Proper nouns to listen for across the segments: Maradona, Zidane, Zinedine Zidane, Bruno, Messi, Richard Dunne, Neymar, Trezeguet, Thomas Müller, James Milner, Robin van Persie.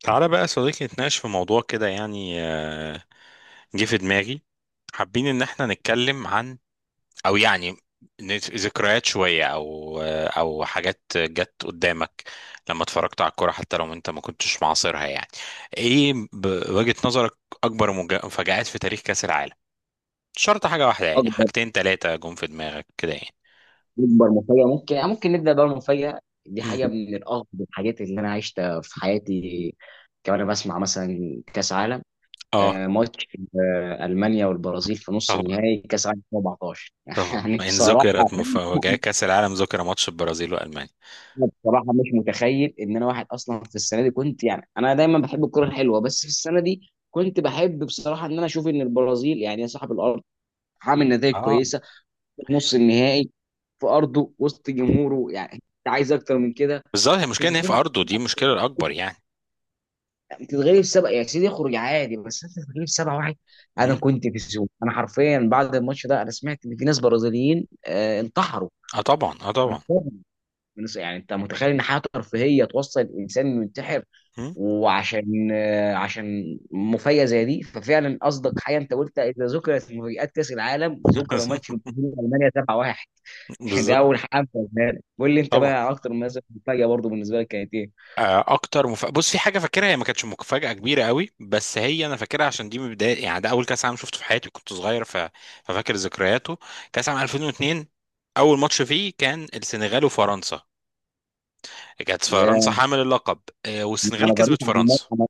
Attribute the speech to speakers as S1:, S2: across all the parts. S1: تعالى بقى يا صديقي، نتناقش في موضوع كده يعني جه في دماغي. حابين ان احنا نتكلم عن، او يعني ذكريات شوية، او او حاجات جت قدامك لما اتفرجت على الكورة حتى لو انت ما كنتش معاصرها. يعني ايه بوجهة نظرك اكبر مفاجآت في تاريخ كأس العالم؟ مش شرط حاجة واحدة، يعني
S2: اكبر
S1: حاجتين تلاتة جم في دماغك كده يعني.
S2: اكبر مفاجاه، ممكن يعني ممكن نبدا بقى. المفاجاه دي
S1: مم.
S2: حاجه من الاغرب الحاجات اللي انا عشتها في حياتي. كمان انا بسمع مثلا كاس عالم،
S1: اه،
S2: ماتش المانيا والبرازيل في نص
S1: طبعا
S2: النهائي كاس عالم 2014
S1: طبعا.
S2: يعني
S1: ان
S2: بصراحه.
S1: ذكرت مفاجأة كأس العالم ذكر ماتش البرازيل والمانيا.
S2: أنا بصراحه مش متخيل ان انا واحد اصلا في السنه دي كنت، يعني انا دايما بحب الكره الحلوه، بس في السنه دي كنت بحب بصراحه ان انا اشوف ان البرازيل، يعني يا صاحب الارض عامل نتائج
S1: اه،
S2: كويسه، نص النهائي في ارضه وسط جمهوره، يعني انت عايز اكتر من كده.
S1: بالظبط، هي المشكله ان هي في
S2: تتغلب
S1: ارضه، دي المشكله الاكبر يعني.
S2: تتغلب سبعة يا سيدي، اخرج عادي، بس انت تتغلب سبعة واحد. انا
S1: مم.
S2: كنت في الزوم، انا حرفيا بعد الماتش ده انا سمعت ان في ناس برازيليين انتحروا
S1: اه طبعا، اه
S2: من
S1: طبعا.
S2: الصدمة. يعني انت متخيل ان حياه ترفيهيه توصل الانسان انه ينتحر؟
S1: مم.
S2: وعشان آه، عشان مفاجاه زي دي ففعلا قصدك حاجه. انت قلت اذا ذكرت مفاجات كاس العالم ذكر ماتش البرازيل والمانيا 7-1. ده
S1: بالظبط.
S2: اول حاجه قلنا لك. قول لي انت
S1: طبعا.
S2: بقى اكتر مثلا مفاجاه برضه بالنسبه لك كانت ايه؟
S1: بص، في حاجه فاكرها، هي ما كانتش مفاجاه كبيره قوي، بس هي انا فاكرها عشان دي من بدايه، يعني ده اول كاس عالم شفته في حياتي، كنت صغير ففاكر ذكرياته. كاس عام 2002، اول ماتش فيه كان السنغال وفرنسا، كانت
S2: يا
S1: فرنسا حامل اللقب، والسنغال
S2: انا
S1: كسبت
S2: قريت عن الماتش
S1: فرنسا.
S2: انا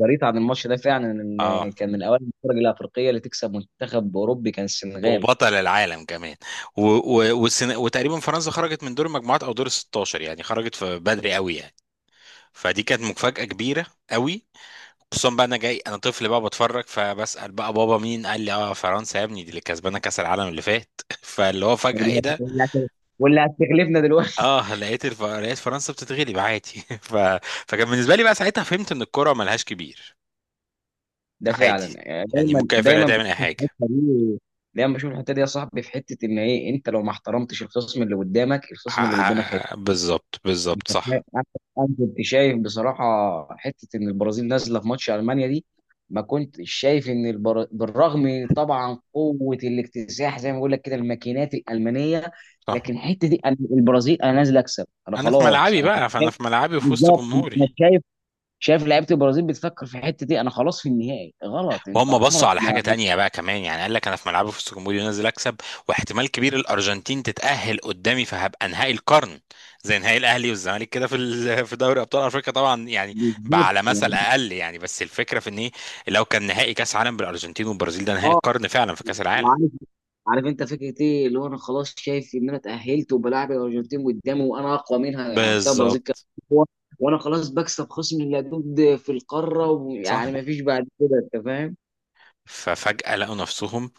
S2: قريت عن الماتش ده فعلا،
S1: اه،
S2: ان كان من اوائل الفرق الافريقيه اللي تكسب منتخب اوروبي كان السنغال.
S1: وبطل العالم كمان. وتقريبا فرنسا خرجت من دور المجموعات او دور ال 16، يعني خرجت في بدري قوي يعني. فدي كانت مفاجأة كبيرة قوي، خصوصا بقى انا جاي انا طفل بقى بتفرج، فبسأل بقى بابا، مين؟ قال لي اه فرنسا يا ابني، دي اللي كسبانة كأس العالم اللي فات. فاللي هو فجأة ايه
S2: واللي هت-
S1: ده؟
S2: واللي هت- واللي هتغلبنا دلوقتي؟
S1: اه، لقيت فرنسا بتتغلب عادي. ف... فكان بالنسبة لي بقى ساعتها فهمت ان الكرة ملهاش كبير.
S2: ده
S1: عادي،
S2: فعلا، يعني
S1: يعني
S2: دايما
S1: ممكن اي فرقة
S2: دايما
S1: تعمل اي
S2: بشوف
S1: حاجة.
S2: الحته دي، يا صاحبي في حته ان ايه، انت لو ما احترمتش الخصم اللي قدامك،
S1: بالظبط
S2: انت
S1: بالظبط،
S2: فاهم.
S1: صح.
S2: انا كنت شايف بصراحه، حته ان البرازيل نازله في ماتش المانيا دي، ما كنتش شايف بالرغم طبعا قوه الاكتساح زي ما بقول لك كده، الماكينات الالمانيه.
S1: صح،
S2: لكن الحته دي، أنا البرازيل انا نازل اكسب، انا
S1: انا في
S2: خلاص
S1: ملعبي
S2: انا كنت
S1: بقى، فانا
S2: شايف
S1: في ملعبي وفي وسط
S2: بالظبط.
S1: جمهوري.
S2: انا شايف، لعيبه البرازيل بتفكر في الحته دي، انا خلاص في النهائي. غلط، انت
S1: وهم بصوا
S2: عمرك
S1: على حاجة تانية بقى كمان، يعني قال لك أنا في ملعبي، في وسط جمهوري، ونازل أكسب، واحتمال كبير الأرجنتين تتأهل قدامي، فهبقى نهائي القرن. زي نهائي الأهلي والزمالك كده في في دوري أبطال أفريقيا طبعا يعني، بقى
S2: بالظبط،
S1: على مثل
S2: يعني،
S1: أقل يعني. بس الفكرة في إن إيه، لو كان نهائي كأس عالم بالأرجنتين والبرازيل، ده نهائي القرن فعلا في كأس العالم.
S2: اه عارف انت فكره ايه اللي هو، انا خلاص شايف ان انا اتاهلت وبلاعب الارجنتين قدامي وانا اقوى منها. يعني وقتها البرازيل كانت
S1: بالظبط،
S2: اقوى، وانا خلاص بكسب خصم اللدود في القاره،
S1: صح.
S2: ويعني ما فيش بعد كده، انت فاهم.
S1: ففجأة لقوا نفسهم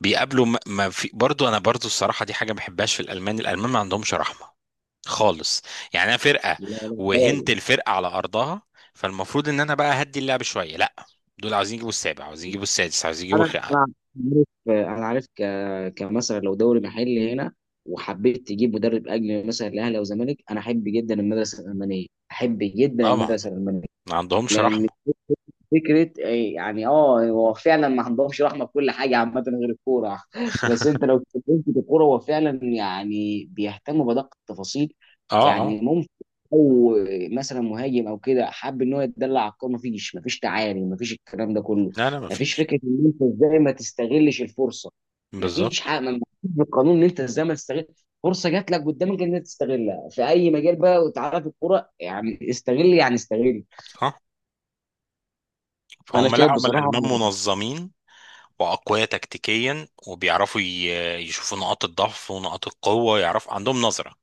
S1: بيقابلوا ما في. برضو أنا برضو الصراحة دي حاجة ما بحبهاش في الألمان، الألمان ما عندهمش رحمة خالص. يعني انا فرقه
S2: لا لا خالص.
S1: وهنت الفرقه على ارضها، فالمفروض ان انا بقى هدي اللعب شويه. لا، دول عاوزين يجيبوا السابع، عاوزين يجيبوا السادس، عاوزين يجيبوا
S2: انا انا عارف كمثلا لو دوري محلي هنا وحبيت تجيب مدرب اجنبي مثلا الاهلي او الزمالك، انا احب جدا المدرسه الالمانيه،
S1: طبعا، ما عندهمش
S2: لان
S1: رحمه.
S2: فكره، يعني هو فعلا ما عندهمش رحمه في كل حاجه عامه غير الكوره. بس انت لو اتكلمت في الكوره، هو فعلا يعني بيهتموا بدقه التفاصيل.
S1: اه اه.
S2: يعني ممكن، او مثلا مهاجم او كده حب ان هو يتدلع على الكوره، مفيش تعالي، مفيش الكلام ده كله.
S1: لا لا، ما
S2: مفيش
S1: فيش.
S2: فكره ان انت ازاي ما تستغلش الفرصه،
S1: بالظبط.
S2: مفيش حاجه، مفيش بالقانون ان انت ازاي ما تستغل فرصه جات لك قدامك ان انت تستغلها في اي مجال بقى وتعرف الكوره، يعني استغل يعني استغل.
S1: اه،
S2: فانا
S1: فهم،
S2: شايف
S1: لا هم
S2: بصراحه.
S1: الالمان منظمين واقوياء تكتيكيا وبيعرفوا يشوفوا نقاط الضعف ونقاط القوه، يعرفوا، عندهم نظره.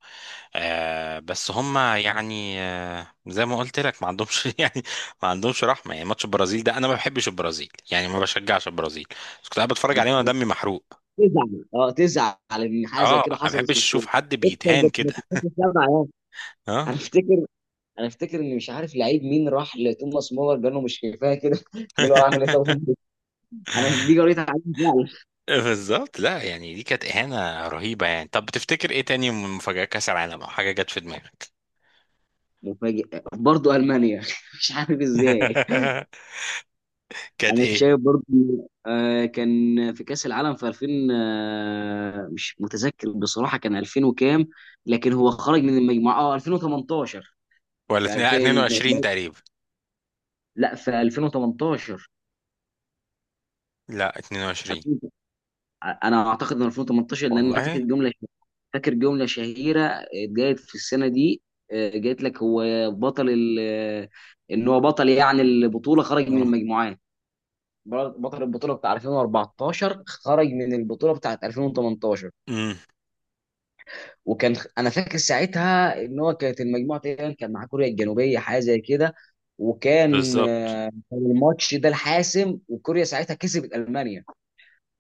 S1: بس هم يعني زي ما قلت لك ما عندهمش، يعني ما عندهمش رحمه. يعني ماتش البرازيل ده، انا ما بحبش البرازيل يعني، ما بشجعش البرازيل، بس كنت قاعد بتفرج عليه وانا دمي محروق.
S2: تزعل ان حاجه زي
S1: اه،
S2: كده
S1: ما
S2: حصلت
S1: بحبش
S2: في الكوره
S1: اشوف حد
S2: اكتر،
S1: بيتهان
S2: بس ما
S1: كده.
S2: تحسش سبعه يعني. انا
S1: اه.
S2: افتكر انا افتكر ان، مش عارف لعيب مين راح لتوماس مولر قال له مش كفايه كده؟ قال له اعمل ايه طب أمي؟ انا دي قريت عليها فعلا.
S1: بالظبط. لا يعني دي كانت اهانه رهيبه يعني. طب بتفتكر ايه تاني من مفاجات كاس العالم او حاجه جت في دماغك؟
S2: مفاجئ برضه المانيا، مش عارف ازاي.
S1: كانت
S2: انا
S1: ايه؟
S2: شايف برضه، كان في كاس العالم في 2000، مش متذكر بصراحه كان 2000 وكام، لكن هو خرج من المجموعه 2018. في
S1: لا،
S2: 2000،
S1: 22 تقريبا.
S2: لا في 2018.
S1: لا 22.
S2: انا اعتقد ان 2018، لان انا
S1: والله.
S2: فاكر جمله شهيره اتقالت في السنه دي، قالت لك هو بطل ال- آه، ان هو بطل يعني البطوله خرج من
S1: اه.
S2: المجموعات. بطل البطوله بتاع 2014 خرج من البطوله بتاعت 2018.
S1: امم
S2: وكان انا فاكر ساعتها ان هو كانت المجموعه تقريبا، كان مع كوريا الجنوبيه حاجه زي كده، وكان
S1: بالظبط.
S2: كان الماتش ده الحاسم، وكوريا ساعتها كسبت المانيا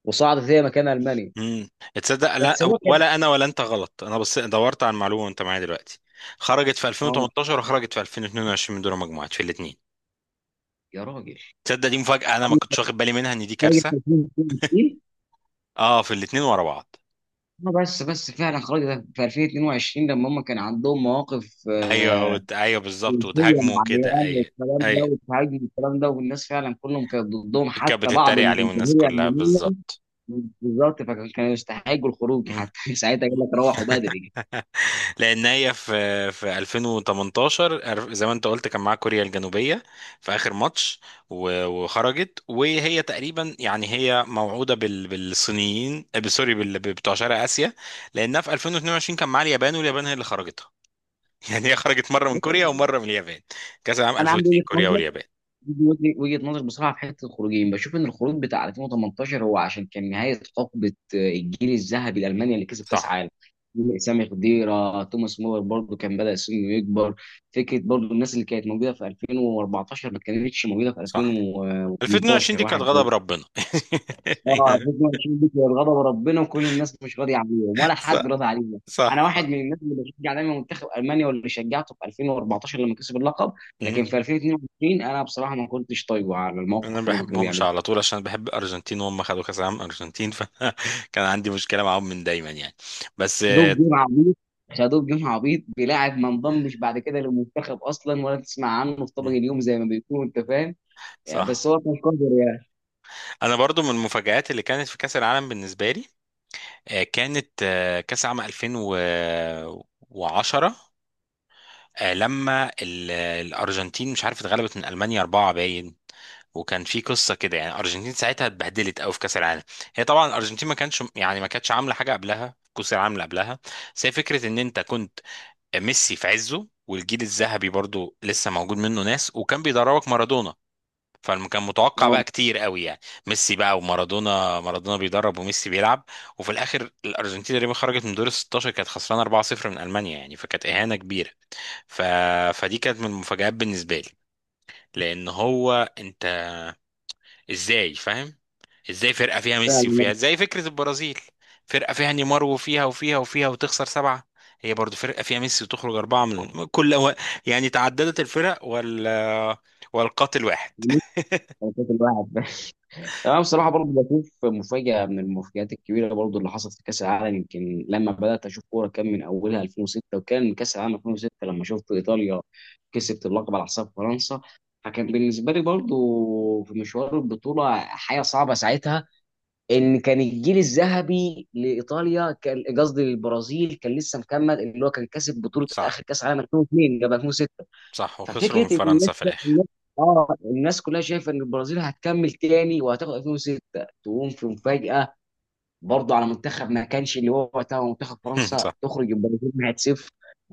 S2: وصعدت هي مكان المانيا.
S1: امم تصدق؟ لا
S2: بس هو كان
S1: ولا انا ولا انت غلط، انا بس دورت على المعلومه وانت معايا دلوقتي. خرجت في
S2: اه
S1: 2018 وخرجت في 2022 من دور المجموعات في الاثنين.
S2: يا راجل،
S1: تصدق دي مفاجاه، انا ما
S2: خرجت
S1: كنتش واخد بالي منها، ان دي
S2: خرجت
S1: كارثه.
S2: في 2022.
S1: اه، في الاثنين ورا بعض.
S2: اه، بس فعلا خرجت في 2022 لما هم كان عندهم مواقف
S1: ايوه ايوه بالظبط،
S2: سياسيه
S1: وتهاجموا
S2: مع
S1: كده.
S2: العيال
S1: اي،
S2: والكلام ده
S1: اي،
S2: والتهاجم والكلام ده، والناس فعلا كلهم كانت ضدهم
S1: كانت
S2: حتى بعض
S1: بتتريق
S2: من
S1: عليهم الناس
S2: الجماهير
S1: كلها،
S2: الالمانيه.
S1: بالظبط.
S2: بالظبط، فكانوا يستحقوا الخروج حتى. ساعتها قال
S1: مم.
S2: لك روحوا بدري.
S1: لان هي في 2018 زي ما انت قلت كان معاها كوريا الجنوبيه في اخر ماتش، وخرجت وهي تقريبا يعني هي موعوده بالصينيين، سوري بتوع شرق اسيا، لانها في 2022 كان معاها اليابان، واليابان هي اللي خرجتها. يعني هي خرجت مره من كوريا ومره من اليابان. كاس العالم
S2: انا عندي
S1: 2002
S2: وجهه
S1: كوريا
S2: نظر،
S1: واليابان.
S2: دي وجهه نظر بصراحه في حته الخروجين. بشوف ان الخروج بتاع 2018 هو عشان كان نهايه حقبه، الجيل الذهبي الالماني اللي كسب كاس
S1: صح.
S2: عالم. سامي خضيره، توماس مولر برضو كان بدا سنه يكبر. فكره برضو الناس اللي كانت موجوده في 2014 ما كانتش موجوده في
S1: صح. 2022
S2: 2018
S1: دي كانت
S2: واحد.
S1: غضب ربنا.
S2: اه، الفتنه بتشوف بك غضب ربنا، وكل الناس مش راضيه عليهم ولا
S1: صح.
S2: حد راضي عليهم. انا واحد
S1: صح
S2: من الناس اللي بشجع دايما منتخب المانيا، واللي شجعته في 2014 لما كسب اللقب،
S1: صح.
S2: لكن في 2022 انا بصراحه ما كنتش طايقه على
S1: انا ما
S2: الموقف اللي هم كانوا
S1: بحبهمش
S2: بيعملوه.
S1: على طول عشان بحب الارجنتين، وهم خدوا كاس العالم ارجنتين. فكان عندي مشكله معاهم من دايما يعني. بس
S2: خدوه بجيم عبيط خدوه بجيم عبيط بلاعب ما انضمش بعد كده للمنتخب اصلا، ولا تسمع عنه في طبق
S1: مم،
S2: اليوم زي ما بيكونوا انت فاهم، يعني، بس
S1: صح.
S2: هو كان قادر يعني.
S1: انا برضو من المفاجآت اللي كانت في كاس العالم بالنسبه لي كانت كاس العالم 2010، لما الارجنتين مش عارف اتغلبت من المانيا اربعه باين. وكان في قصه كده يعني، الارجنتين ساعتها اتبهدلت قوي في كاس العالم. هي طبعا الارجنتين ما كانش يعني ما كانتش عامله حاجه قبلها في كاس العالم اللي قبلها، بس هي فكره ان انت كنت، ميسي في عزه، والجيل الذهبي برضو لسه موجود منه ناس، وكان بيدربك مارادونا، فكان متوقع
S2: اه
S1: بقى كتير قوي يعني. ميسي بقى ومارادونا، مارادونا بيدرب وميسي بيلعب. وفي الاخر الارجنتين تقريبا خرجت من دور ال 16، كانت خسرانه 4-0 من المانيا، يعني فكانت اهانه كبيره. ف... فدي كانت من المفاجآت بالنسبه لي. لان هو، انت ازاي فاهم، ازاي فرقه فيها ميسي،
S2: فعلا
S1: وفيها زي فكره البرازيل، فرقه فيها نيمار وفيها وفيها وفيها وتخسر سبعه. هي برضو فرقه فيها ميسي وتخرج اربعه من كل يعني تعددت الفرق والقاتل واحد.
S2: كانت الواحد. انا بصراحه برضه بشوف مفاجاه من المفاجآت الكبيره برضه اللي حصلت في كاس العالم، يمكن لما بدات اشوف كوره كان من اولها 2006، وكان كاس العالم 2006 لما شفت ايطاليا كسبت اللقب على حساب فرنسا. فكان بالنسبه لي برضه، في مشوار البطوله حاجه صعبه ساعتها، ان كان الجيل الذهبي لايطاليا كان قصدي للبرازيل كان لسه مكمل، اللي هو كان كسب بطوله
S1: صح.
S2: اخر كاس عالم 2002 قبل 2006.
S1: صح، وخسروا
S2: ففكره
S1: من
S2: ان
S1: فرنسا
S2: الناس،
S1: في الاخر.
S2: الناس- اه الناس كلها شايفه ان البرازيل هتكمل تاني وهتاخد 2006، تقوم في مفاجاه برضه على منتخب ما كانش، اللي هو وقتها هو منتخب فرنسا
S1: صح.
S2: تخرج البرازيل 1-0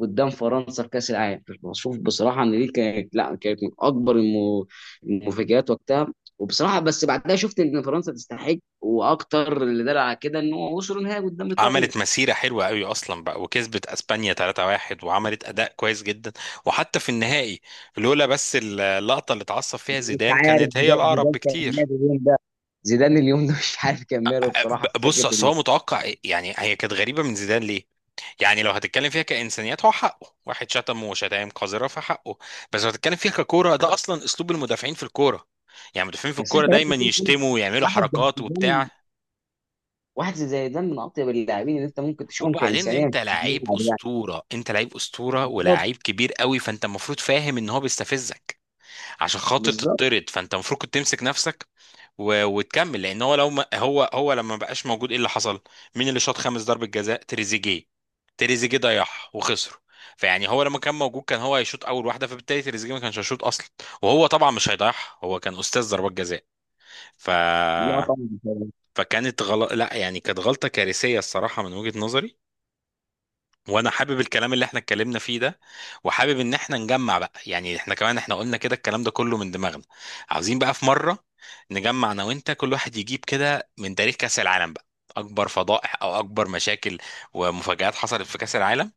S2: قدام فرنسا في كاس العالم. بشوف بصراحه ان دي كانت، لا كانت من اكبر المفاجآت وقتها. وبصراحه بس بعدها شفت ان فرنسا تستحق، واكتر اللي دل على كده ان هو وصلوا نهائي قدام ايطاليا.
S1: عملت مسيرة حلوة قوي أصلا بقى، وكسبت أسبانيا 3-1 وعملت أداء كويس جدا، وحتى في النهائي، لولا بس اللقطة اللي اتعصب فيها
S2: يعني انت
S1: زيدان
S2: عارف،
S1: كانت هي
S2: زيدان
S1: الأقرب
S2: زيدان كان
S1: بكتير.
S2: ماله اليوم ده، زيدان اليوم ده مش عارف كان ماله بصراحه في
S1: بص،
S2: فكره.
S1: اصل هو متوقع إيه؟ يعني هي كانت غريبه من زيدان ليه؟ يعني لو هتتكلم فيها كانسانيات، هو حقه، واحد شتمه وشتايم قذره، فحقه. بس لو هتتكلم فيها ككوره، ده اصلا اسلوب المدافعين في الكوره، يعني المدافعين في
S2: بس انت
S1: الكوره دايما
S2: لازم تكون
S1: يشتموا ويعملوا
S2: واحد زي
S1: حركات
S2: زيدان
S1: وبتاع.
S2: واحد زي زيدان من اطيب اللاعبين اللي انت ممكن تشوفهم
S1: وبعدين
S2: كانسانيه في
S1: انت لعيب
S2: الملعب يعني.
S1: اسطوره، انت لعيب اسطوره
S2: بالظبط
S1: ولاعيب كبير قوي، فانت المفروض فاهم ان هو بيستفزك عشان خاطر
S2: بالظبط،
S1: تطرد، فانت المفروض كنت تمسك نفسك وتكمل. لان هو لو ما... هو لما ما بقاش موجود ايه اللي حصل؟ مين اللي شاط خامس ضربة جزاء؟ تريزيجيه. تريزيجيه ضيعها وخسروا. فيعني هو لما كان موجود كان هو هيشوط اول واحده، فبالتالي تريزيجيه ما كانش هيشوط اصلا، وهو طبعا مش هيضيعها، هو كان استاذ ضربات جزاء. ف
S2: لا طبعا.
S1: فكانت غلط. لا يعني كانت غلطه كارثيه الصراحه من وجهه نظري. وانا حابب الكلام اللي احنا اتكلمنا فيه ده، وحابب ان احنا نجمع بقى يعني، احنا كمان احنا قلنا كده الكلام ده كله من دماغنا. عاوزين بقى في مرة نجمع انا وانت، كل واحد يجيب كده من تاريخ كأس العالم بقى اكبر فضائح او اكبر مشاكل ومفاجآت حصلت في كأس العالم،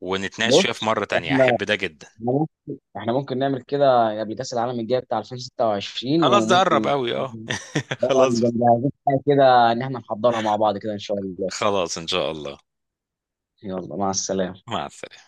S1: ونتناقش
S2: بص،
S1: فيها في مرة تانية.
S2: احنا
S1: احب ده جدا.
S2: احنا ممكن نعمل كده قبل كاس العالم الجاي بتاع 2026،
S1: خلاص، ده قرب
S2: وممكن
S1: قوي، اه.
S2: طبعا
S1: خلاص.
S2: نبقى مجهزين حاجه كده ان احنا نحضرها مع بعض كده ان شاء الله.
S1: خلاص ان شاء الله.
S2: يلا مع السلامه.
S1: مع السلامة.